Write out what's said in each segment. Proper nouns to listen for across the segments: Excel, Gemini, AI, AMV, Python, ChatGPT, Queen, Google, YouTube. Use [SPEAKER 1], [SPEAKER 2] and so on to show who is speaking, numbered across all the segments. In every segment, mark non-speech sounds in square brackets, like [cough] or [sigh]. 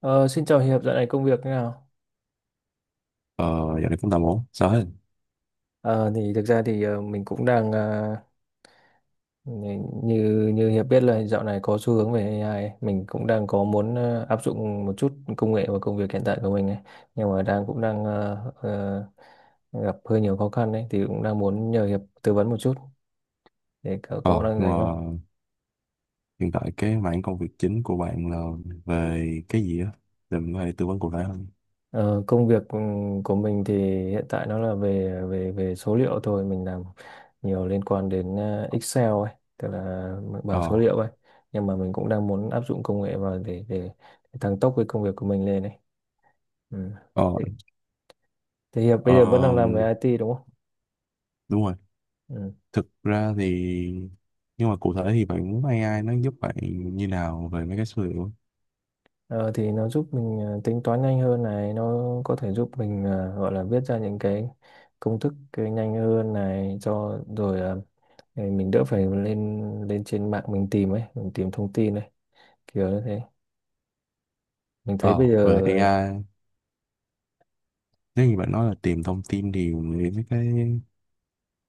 [SPEAKER 1] Ờ, Xin chào Hiệp, dạo này công việc thế nào?
[SPEAKER 2] Ờ, Dạo này cũng tạm ổn, sao hết?
[SPEAKER 1] Ờ, thì thực ra thì mình cũng đang như như Hiệp biết là dạo này có xu hướng về AI, ấy. Mình cũng đang có muốn áp dụng một chút công nghệ vào công việc hiện tại của mình ấy, nhưng mà đang cũng đang ờ, ờ, gặp hơi nhiều khó khăn đấy, thì cũng đang muốn nhờ Hiệp tư vấn một chút để cậu có
[SPEAKER 2] Ờ,
[SPEAKER 1] đang
[SPEAKER 2] nhưng mà
[SPEAKER 1] rảnh không?
[SPEAKER 2] hiện tại cái mảng công việc chính của bạn là về cái gì á? Để mình có thể tư vấn cụ thể hơn.
[SPEAKER 1] Ờ, công việc của mình thì hiện tại nó là về về về số liệu thôi, mình làm nhiều liên quan đến Excel ấy, tức là bảng
[SPEAKER 2] Ờ,
[SPEAKER 1] số liệu ấy, nhưng mà mình cũng đang muốn áp dụng công nghệ vào để tăng tốc cái công việc của mình lên ấy, ừ.
[SPEAKER 2] ờ,
[SPEAKER 1] Thế thế Hiệp bây giờ vẫn đang làm
[SPEAKER 2] ờm,
[SPEAKER 1] về IT đúng không?
[SPEAKER 2] Đúng rồi.
[SPEAKER 1] Ừ.
[SPEAKER 2] Thực ra thì, nhưng mà cụ thể thì bạn muốn AI nó giúp bạn như nào về mấy cái số liệu?
[SPEAKER 1] Ờ, thì nó giúp mình tính toán nhanh hơn này, nó có thể giúp mình gọi là viết ra những cái công thức cái nhanh hơn này cho rồi thì mình đỡ phải lên lên trên mạng mình tìm ấy, mình tìm thông tin ấy, kiểu như thế mình thấy
[SPEAKER 2] Ờ,
[SPEAKER 1] bây
[SPEAKER 2] Về
[SPEAKER 1] giờ
[SPEAKER 2] AI, nếu như bạn nói là tìm thông tin thì mình nghĩ mấy cái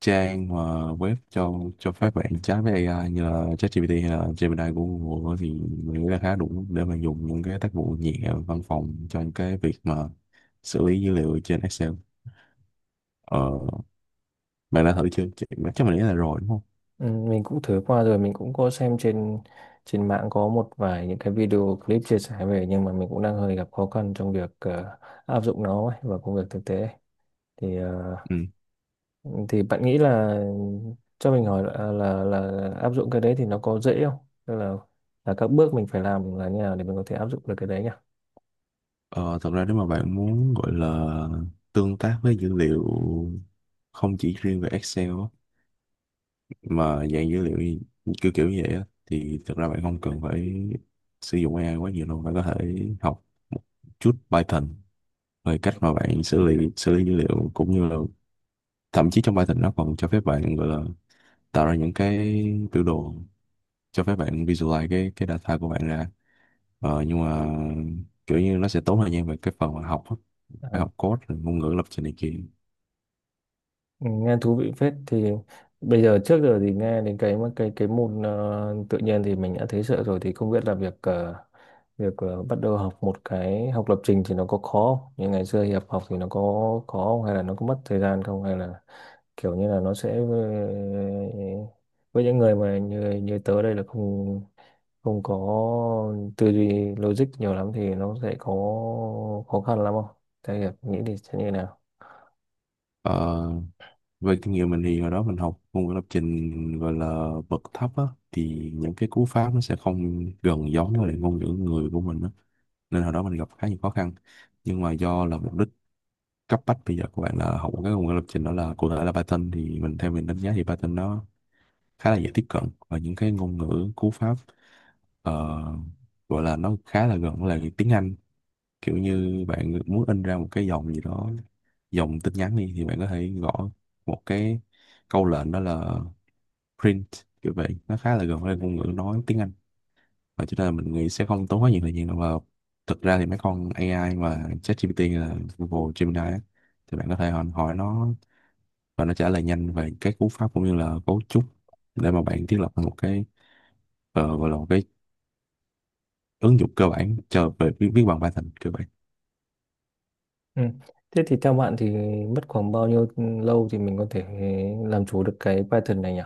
[SPEAKER 2] trang mà web cho phép bạn chat với AI như là ChatGPT hay là Gemini của Google thì mình nghĩ là khá đủ để mà dùng những cái tác vụ nhẹ văn phòng cho những cái việc mà xử lý dữ liệu trên Excel. Ờ, Bạn đã thử chưa? Chắc chắc mình nghĩ là rồi đúng không?
[SPEAKER 1] ừ, mình cũng thử qua rồi, mình cũng có xem trên trên mạng có một vài những cái video clip chia sẻ về, nhưng mà mình cũng đang hơi gặp khó khăn trong việc áp dụng nó ấy, vào công việc thực tế ấy. thì ờ,
[SPEAKER 2] Ừ.
[SPEAKER 1] thì bạn nghĩ là cho mình hỏi là, là áp dụng cái đấy thì nó có dễ không, tức là các bước mình phải làm là như nào để mình có thể áp dụng được cái đấy nhỉ?
[SPEAKER 2] Ờ, Thật ra nếu mà bạn muốn gọi là tương tác với dữ liệu không chỉ riêng về Excel á, mà dạng dữ liệu kiểu kiểu như vậy á, thì thật ra bạn không cần phải sử dụng AI quá nhiều đâu. Bạn có thể học một chút Python, rồi cách mà bạn xử lý dữ liệu, cũng như là thậm chí trong Python nó còn cho phép bạn gọi là tạo ra những cái biểu đồ cho phép bạn visualize cái data của bạn ra, nhưng mà kiểu như nó sẽ tốn thời gian về cái phần mà học á. Phải
[SPEAKER 1] À.
[SPEAKER 2] học code rồi ngôn ngữ lập trình này kia.
[SPEAKER 1] Ừ, nghe thú vị phết. Thì bây giờ trước giờ thì nghe đến cái cái môn tự nhiên thì mình đã thấy sợ rồi, thì không biết là việc bắt đầu học một cái học lập trình thì nó có khó không? Như ngày xưa Hiệp học thì nó có khó không? Hay là nó có mất thời gian không, hay là kiểu như là nó sẽ với những người mà như như tớ đây là không không có tư duy logic nhiều lắm thì nó sẽ có khó khăn lắm không? Theo Hiệp nghĩ thì sẽ như nào?
[SPEAKER 2] ờ, Về kinh nghiệm mình thì hồi đó mình học ngôn ngữ lập trình gọi là bậc thấp á, thì những cái cú pháp nó sẽ không gần giống với lại ngôn ngữ người của mình á, nên hồi đó mình gặp khá nhiều khó khăn. Nhưng mà do là mục đích cấp bách bây giờ của bạn là học một cái ngôn ngữ lập trình, đó là cụ thể là Python, thì mình, theo mình đánh giá thì Python nó khá là dễ tiếp cận, và những cái ngôn ngữ cú pháp, ờ, gọi là nó khá là gần với lại tiếng Anh. Kiểu như bạn muốn in ra một cái dòng gì đó, dòng tin nhắn đi, thì bạn có thể gõ một cái câu lệnh đó là print, kiểu vậy, nó khá là gần với ngôn ngữ nói tiếng Anh. Và cho nên là mình nghĩ sẽ không tốn quá nhiều thời gian đâu. Và thực ra thì mấy con AI mà ChatGPT là Google Gemini á, thì bạn có thể hỏi hỏi nó, và nó trả lời nhanh về cái cú pháp cũng như là cấu trúc, để mà bạn thiết lập một cái, gọi là một cái ứng dụng cơ bản cho về viết bằng Python cơ bản.
[SPEAKER 1] Ừ. Thế thì theo bạn thì mất khoảng bao nhiêu lâu thì mình có thể làm chủ được cái Python này nhỉ?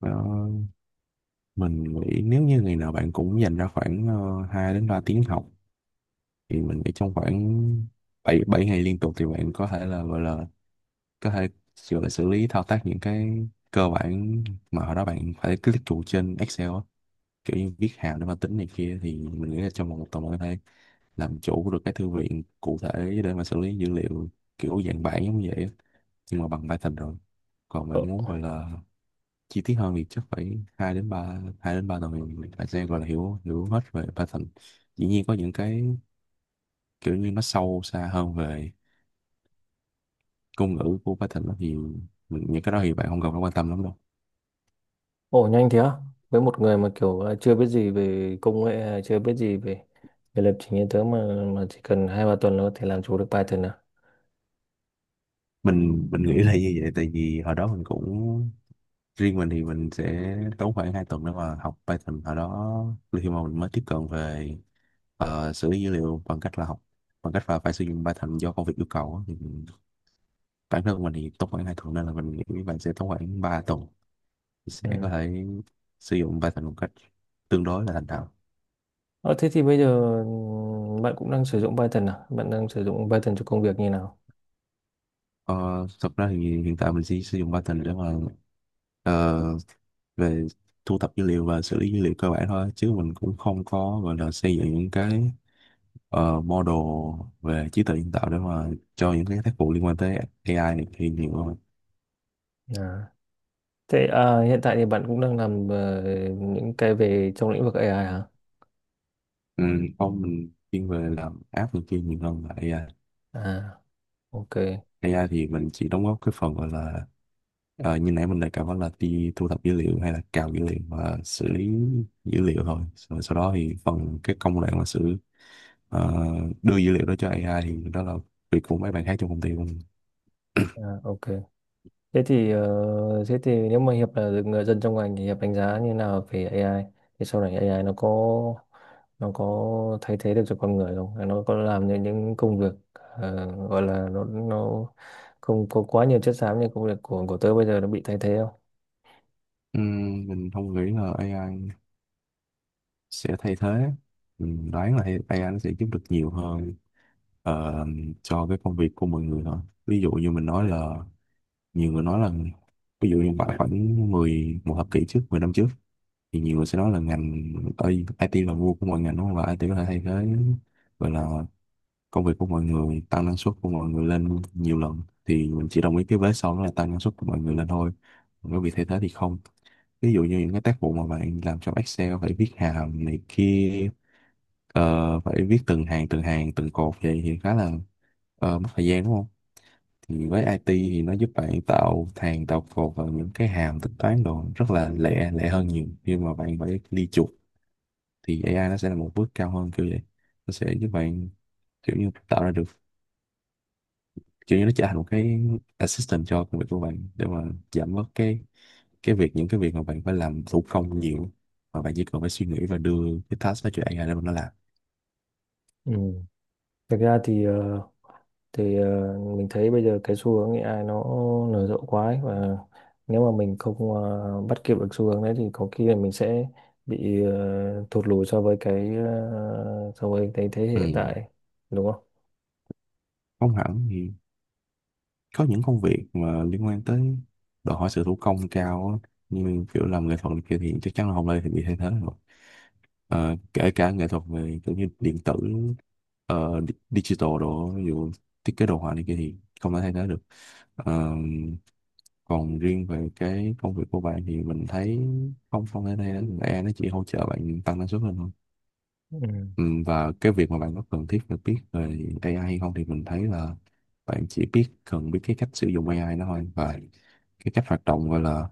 [SPEAKER 2] Đó, mình nghĩ nếu như ngày nào bạn cũng dành ra khoảng 2 đến 3 tiếng học thì mình nghĩ trong khoảng 7 7 ngày liên tục thì bạn có thể gọi là xử lý thao tác những cái cơ bản mà hồi đó bạn phải click chuột trên Excel á, kiểu như viết hàm để mà tính này kia, thì mình nghĩ là trong vòng 1 tuần mình có thể làm chủ được cái thư viện cụ thể để mà xử lý dữ liệu kiểu dạng bản giống như vậy á, nhưng mà bằng Python rồi. Còn
[SPEAKER 1] Ồ,
[SPEAKER 2] mình muốn gọi là chi tiết hơn thì chắc phải 2 đến 3 tuần thì phải, sẽ gọi là hiểu hiểu hết về Python. Dĩ nhiên có những cái kiểu như nó sâu xa hơn về ngôn ngữ của Python đó thì mình, những cái đó thì bạn không cần phải quan tâm lắm đâu.
[SPEAKER 1] Ồ nhanh thế á? Với một người mà kiểu là chưa biết gì về công nghệ, hay chưa biết gì về về lập trình như thế, mà chỉ cần hai ba tuần là có thể làm chủ được Python à?
[SPEAKER 2] Mình nghĩ là như vậy, tại vì hồi đó mình cũng, riêng mình thì mình sẽ tốn khoảng 2 tuần để mà học Python ở đó, khi mà mình mới tiếp cận về, xử lý dữ liệu bằng cách là phải sử dụng Python do công việc yêu cầu á. Bản thân mình thì tốn khoảng 2 tuần, nên là mình nghĩ bạn sẽ tốn khoảng 3 tuần thì sẽ
[SPEAKER 1] Ừ.
[SPEAKER 2] có thể sử dụng Python một cách tương đối là thành thạo.
[SPEAKER 1] Ờ, thế thì bây giờ ừ, bạn cũng đang sử dụng Python à? Bạn đang sử dụng Python cho công việc như nào?
[SPEAKER 2] Ờ, Thật ra thì hiện tại mình chỉ sử dụng Python để mà, ờ, về thu thập dữ liệu và xử lý dữ liệu cơ bản thôi, chứ mình cũng không có gọi là xây dựng những cái, model về trí tuệ nhân tạo để mà cho những cái tác vụ liên quan tới AI này kia nhiều hơn.
[SPEAKER 1] À. Thế à, hiện tại thì bạn cũng đang làm những cái về trong lĩnh vực AI hả?
[SPEAKER 2] Ừ, không, mình chuyên về làm app này kia nhiều hơn là AI AI.
[SPEAKER 1] À, ok.
[SPEAKER 2] Thì mình chỉ đóng góp cái phần gọi là, như nãy mình đề cập, đó là đi thu thập dữ liệu hay là cào dữ liệu và xử lý dữ liệu thôi, rồi sau đó thì phần cái công đoạn mà ờ, đưa dữ liệu đó cho AI thì đó là việc của mấy bạn khác trong công ty của mình. [clears throat]
[SPEAKER 1] À, ok. Thế thì nếu mà Hiệp là người dân trong ngành thì Hiệp đánh giá như nào về AI? Thì sau này AI nó nó có thay thế được cho con người không? Hay nó có làm những công việc gọi là nó không có quá nhiều chất xám như công việc của tớ bây giờ nó bị thay thế không?
[SPEAKER 2] Mình không nghĩ là AI sẽ thay thế. Mình đoán là AI nó sẽ giúp được nhiều hơn ờ, cho cái công việc của mọi người thôi. Ví dụ như mình nói là, nhiều người nói là, ví dụ như khoảng khoảng 10, một thập kỷ trước, 10 năm trước, thì nhiều người sẽ nói là ngành, ơi, IT là vua của mọi ngành đúng không, và IT có thể thay thế, gọi là, công việc của mọi người, tăng năng suất của mọi người lên nhiều lần. Thì mình chỉ đồng ý cái vế sau, đó là tăng năng suất của mọi người lên thôi, còn cái việc thay thế thì không. Ví dụ như những cái tác vụ mà bạn làm trong Excel phải viết hàm này kia, phải viết từng hàng từng cột vậy thì khá là, mất thời gian đúng không. Thì với IT thì nó giúp bạn tạo hàng tạo cột và những cái hàm tính toán đồ rất là lẹ, lẹ hơn nhiều khi mà bạn phải đi chuột. Thì AI nó sẽ là một bước cao hơn, kiểu vậy, nó sẽ giúp bạn kiểu như tạo ra được, kiểu như nó trở thành một cái assistant cho công việc của bạn để mà giảm bớt cái việc những cái việc mà bạn phải làm thủ công nhiều, mà bạn chỉ cần phải suy nghĩ và đưa cái task đó cho AI để mà nó làm.
[SPEAKER 1] Ừ. Thực ra thì mình thấy bây giờ cái xu hướng AI nó nở rộ quá ấy, và nếu mà mình không bắt kịp được xu hướng đấy thì có khi là mình sẽ bị thụt lùi so với cái thế hệ
[SPEAKER 2] Ừ,
[SPEAKER 1] hiện tại đúng không?
[SPEAKER 2] không hẳn, thì có những công việc mà liên quan tới, đòi hỏi sự thủ công cao á, như kiểu làm nghệ thuật này kia thì chắc chắn là không ai thì bị thay thế rồi. Ờ, Kể cả nghệ thuật về kiểu như điện tử, digital đồ, ví dụ thiết kế đồ họa này kia thì không thể thay thế được. Ờ, Còn riêng về cái công việc của bạn thì mình thấy không không thể thay thế được. AI nó chỉ hỗ trợ bạn tăng năng suất lên thôi.
[SPEAKER 1] Ừ.
[SPEAKER 2] Ừ, và cái việc mà bạn có cần thiết phải biết về AI hay không thì mình thấy là bạn chỉ cần biết cái cách sử dụng AI nó thôi, và cái cách hoạt động gọi là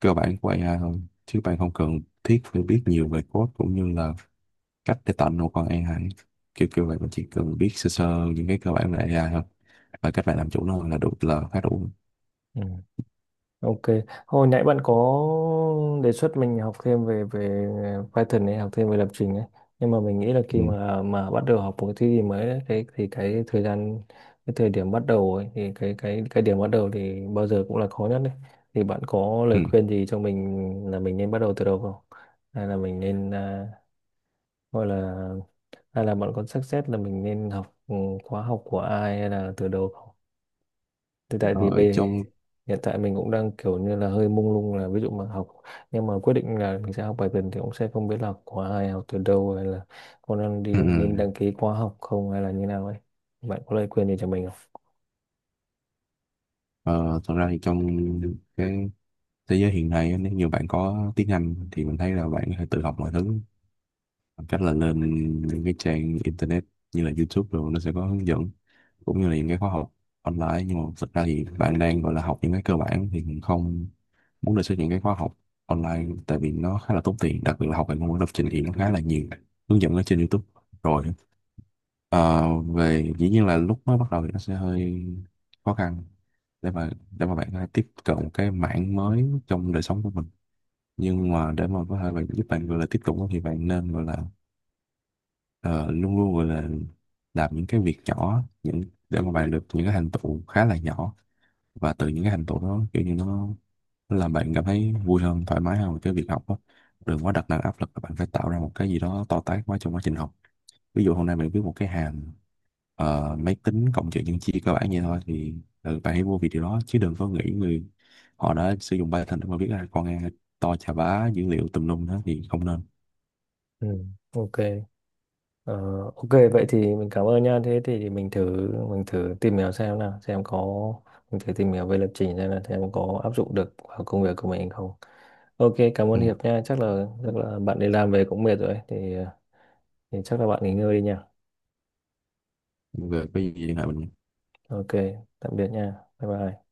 [SPEAKER 2] cơ bản của AI thôi, chứ bạn không cần thiết phải biết nhiều về code cũng như là cách để tạo một con AI, kiểu kiểu vậy. Bạn chỉ cần biết sơ sơ những cái cơ bản về AI thôi, và cách bạn làm chủ nó là khá đủ.
[SPEAKER 1] Ừ. Ok, hồi nãy bạn có đề xuất mình học thêm về về Python ấy, học thêm về lập trình ấy. Nhưng mà mình nghĩ là khi
[SPEAKER 2] Ừ.
[SPEAKER 1] mà bắt đầu học một cái thứ gì mới ấy, cái thời gian cái thời điểm bắt đầu ấy thì cái cái điểm bắt đầu thì bao giờ cũng là khó nhất đấy. Thì bạn có
[SPEAKER 2] Ừ.
[SPEAKER 1] lời khuyên gì cho mình là mình nên bắt đầu từ đầu không? Hay là mình nên à, gọi là hay là bạn có suggest là mình nên học ừ, khóa học của ai hay là từ đầu, thì tại vì
[SPEAKER 2] Ở trong
[SPEAKER 1] hiện tại mình cũng đang kiểu như là hơi mông lung, là ví dụ mà học nhưng mà quyết định là mình sẽ học bài tuần thì cũng sẽ không biết là học khóa ai, học từ đâu, hay là con đang
[SPEAKER 2] Ừ.
[SPEAKER 1] đi nên
[SPEAKER 2] Ừ.
[SPEAKER 1] đăng ký khóa học không, hay là như nào ấy, bạn có lời khuyên gì cho mình không?
[SPEAKER 2] Ờ, Thật ra thì trong cái thế giới hiện nay á, nếu như bạn có tiếng Anh thì mình thấy là bạn có thể tự học mọi thứ bằng cách là lên những cái trang internet như là YouTube, rồi nó sẽ có hướng dẫn cũng như là những cái khóa học online. Nhưng mà thực ra thì bạn đang gọi là học những cái cơ bản thì mình không muốn đề xuất những cái khóa học online, tại vì nó khá là tốn tiền, đặc biệt là học về ngôn ngữ lập trình thì nó khá là nhiều hướng dẫn ở trên YouTube rồi. Ờ, về Dĩ nhiên là lúc mới bắt đầu thì nó sẽ hơi khó khăn để mà, bạn có thể tiếp cận một cái mảng mới trong đời sống của mình. Nhưng mà để mà có thể bạn, giúp bạn gọi là tiếp cận, thì bạn nên gọi là, ờ, luôn luôn gọi là làm những cái việc nhỏ, để mà bạn được những cái thành tựu khá là nhỏ, và từ những cái thành tựu đó kiểu như nó làm bạn cảm thấy vui hơn, thoải mái hơn với cái việc học đó. Đừng quá đặt nặng áp lực là bạn phải tạo ra một cái gì đó to tát quá trong quá trình học. Ví dụ hôm nay bạn viết một cái hàm, máy tính cộng trừ nhân chia cơ bản vậy thôi thì, bạn hãy vô vì điều đó, chứ đừng có nghĩ người họ đã sử dụng Python để mà viết ra con nghe to chà bá dữ liệu tùm lum đó thì không nên.
[SPEAKER 1] Ừ, ok. Ờ, ok vậy thì mình cảm ơn nha, thế thì mình thử tìm hiểu xem nào xem có mình thử tìm hiểu về lập trình xem là xem có áp dụng được vào công việc của mình không. Ok cảm ơn
[SPEAKER 2] Ừ.
[SPEAKER 1] Hiệp nha, chắc là bạn đi làm về cũng mệt rồi ấy. Thì chắc là bạn nghỉ ngơi đi nha.
[SPEAKER 2] Về cái gì hả mình?
[SPEAKER 1] Ok, tạm biệt nha. Bye bye.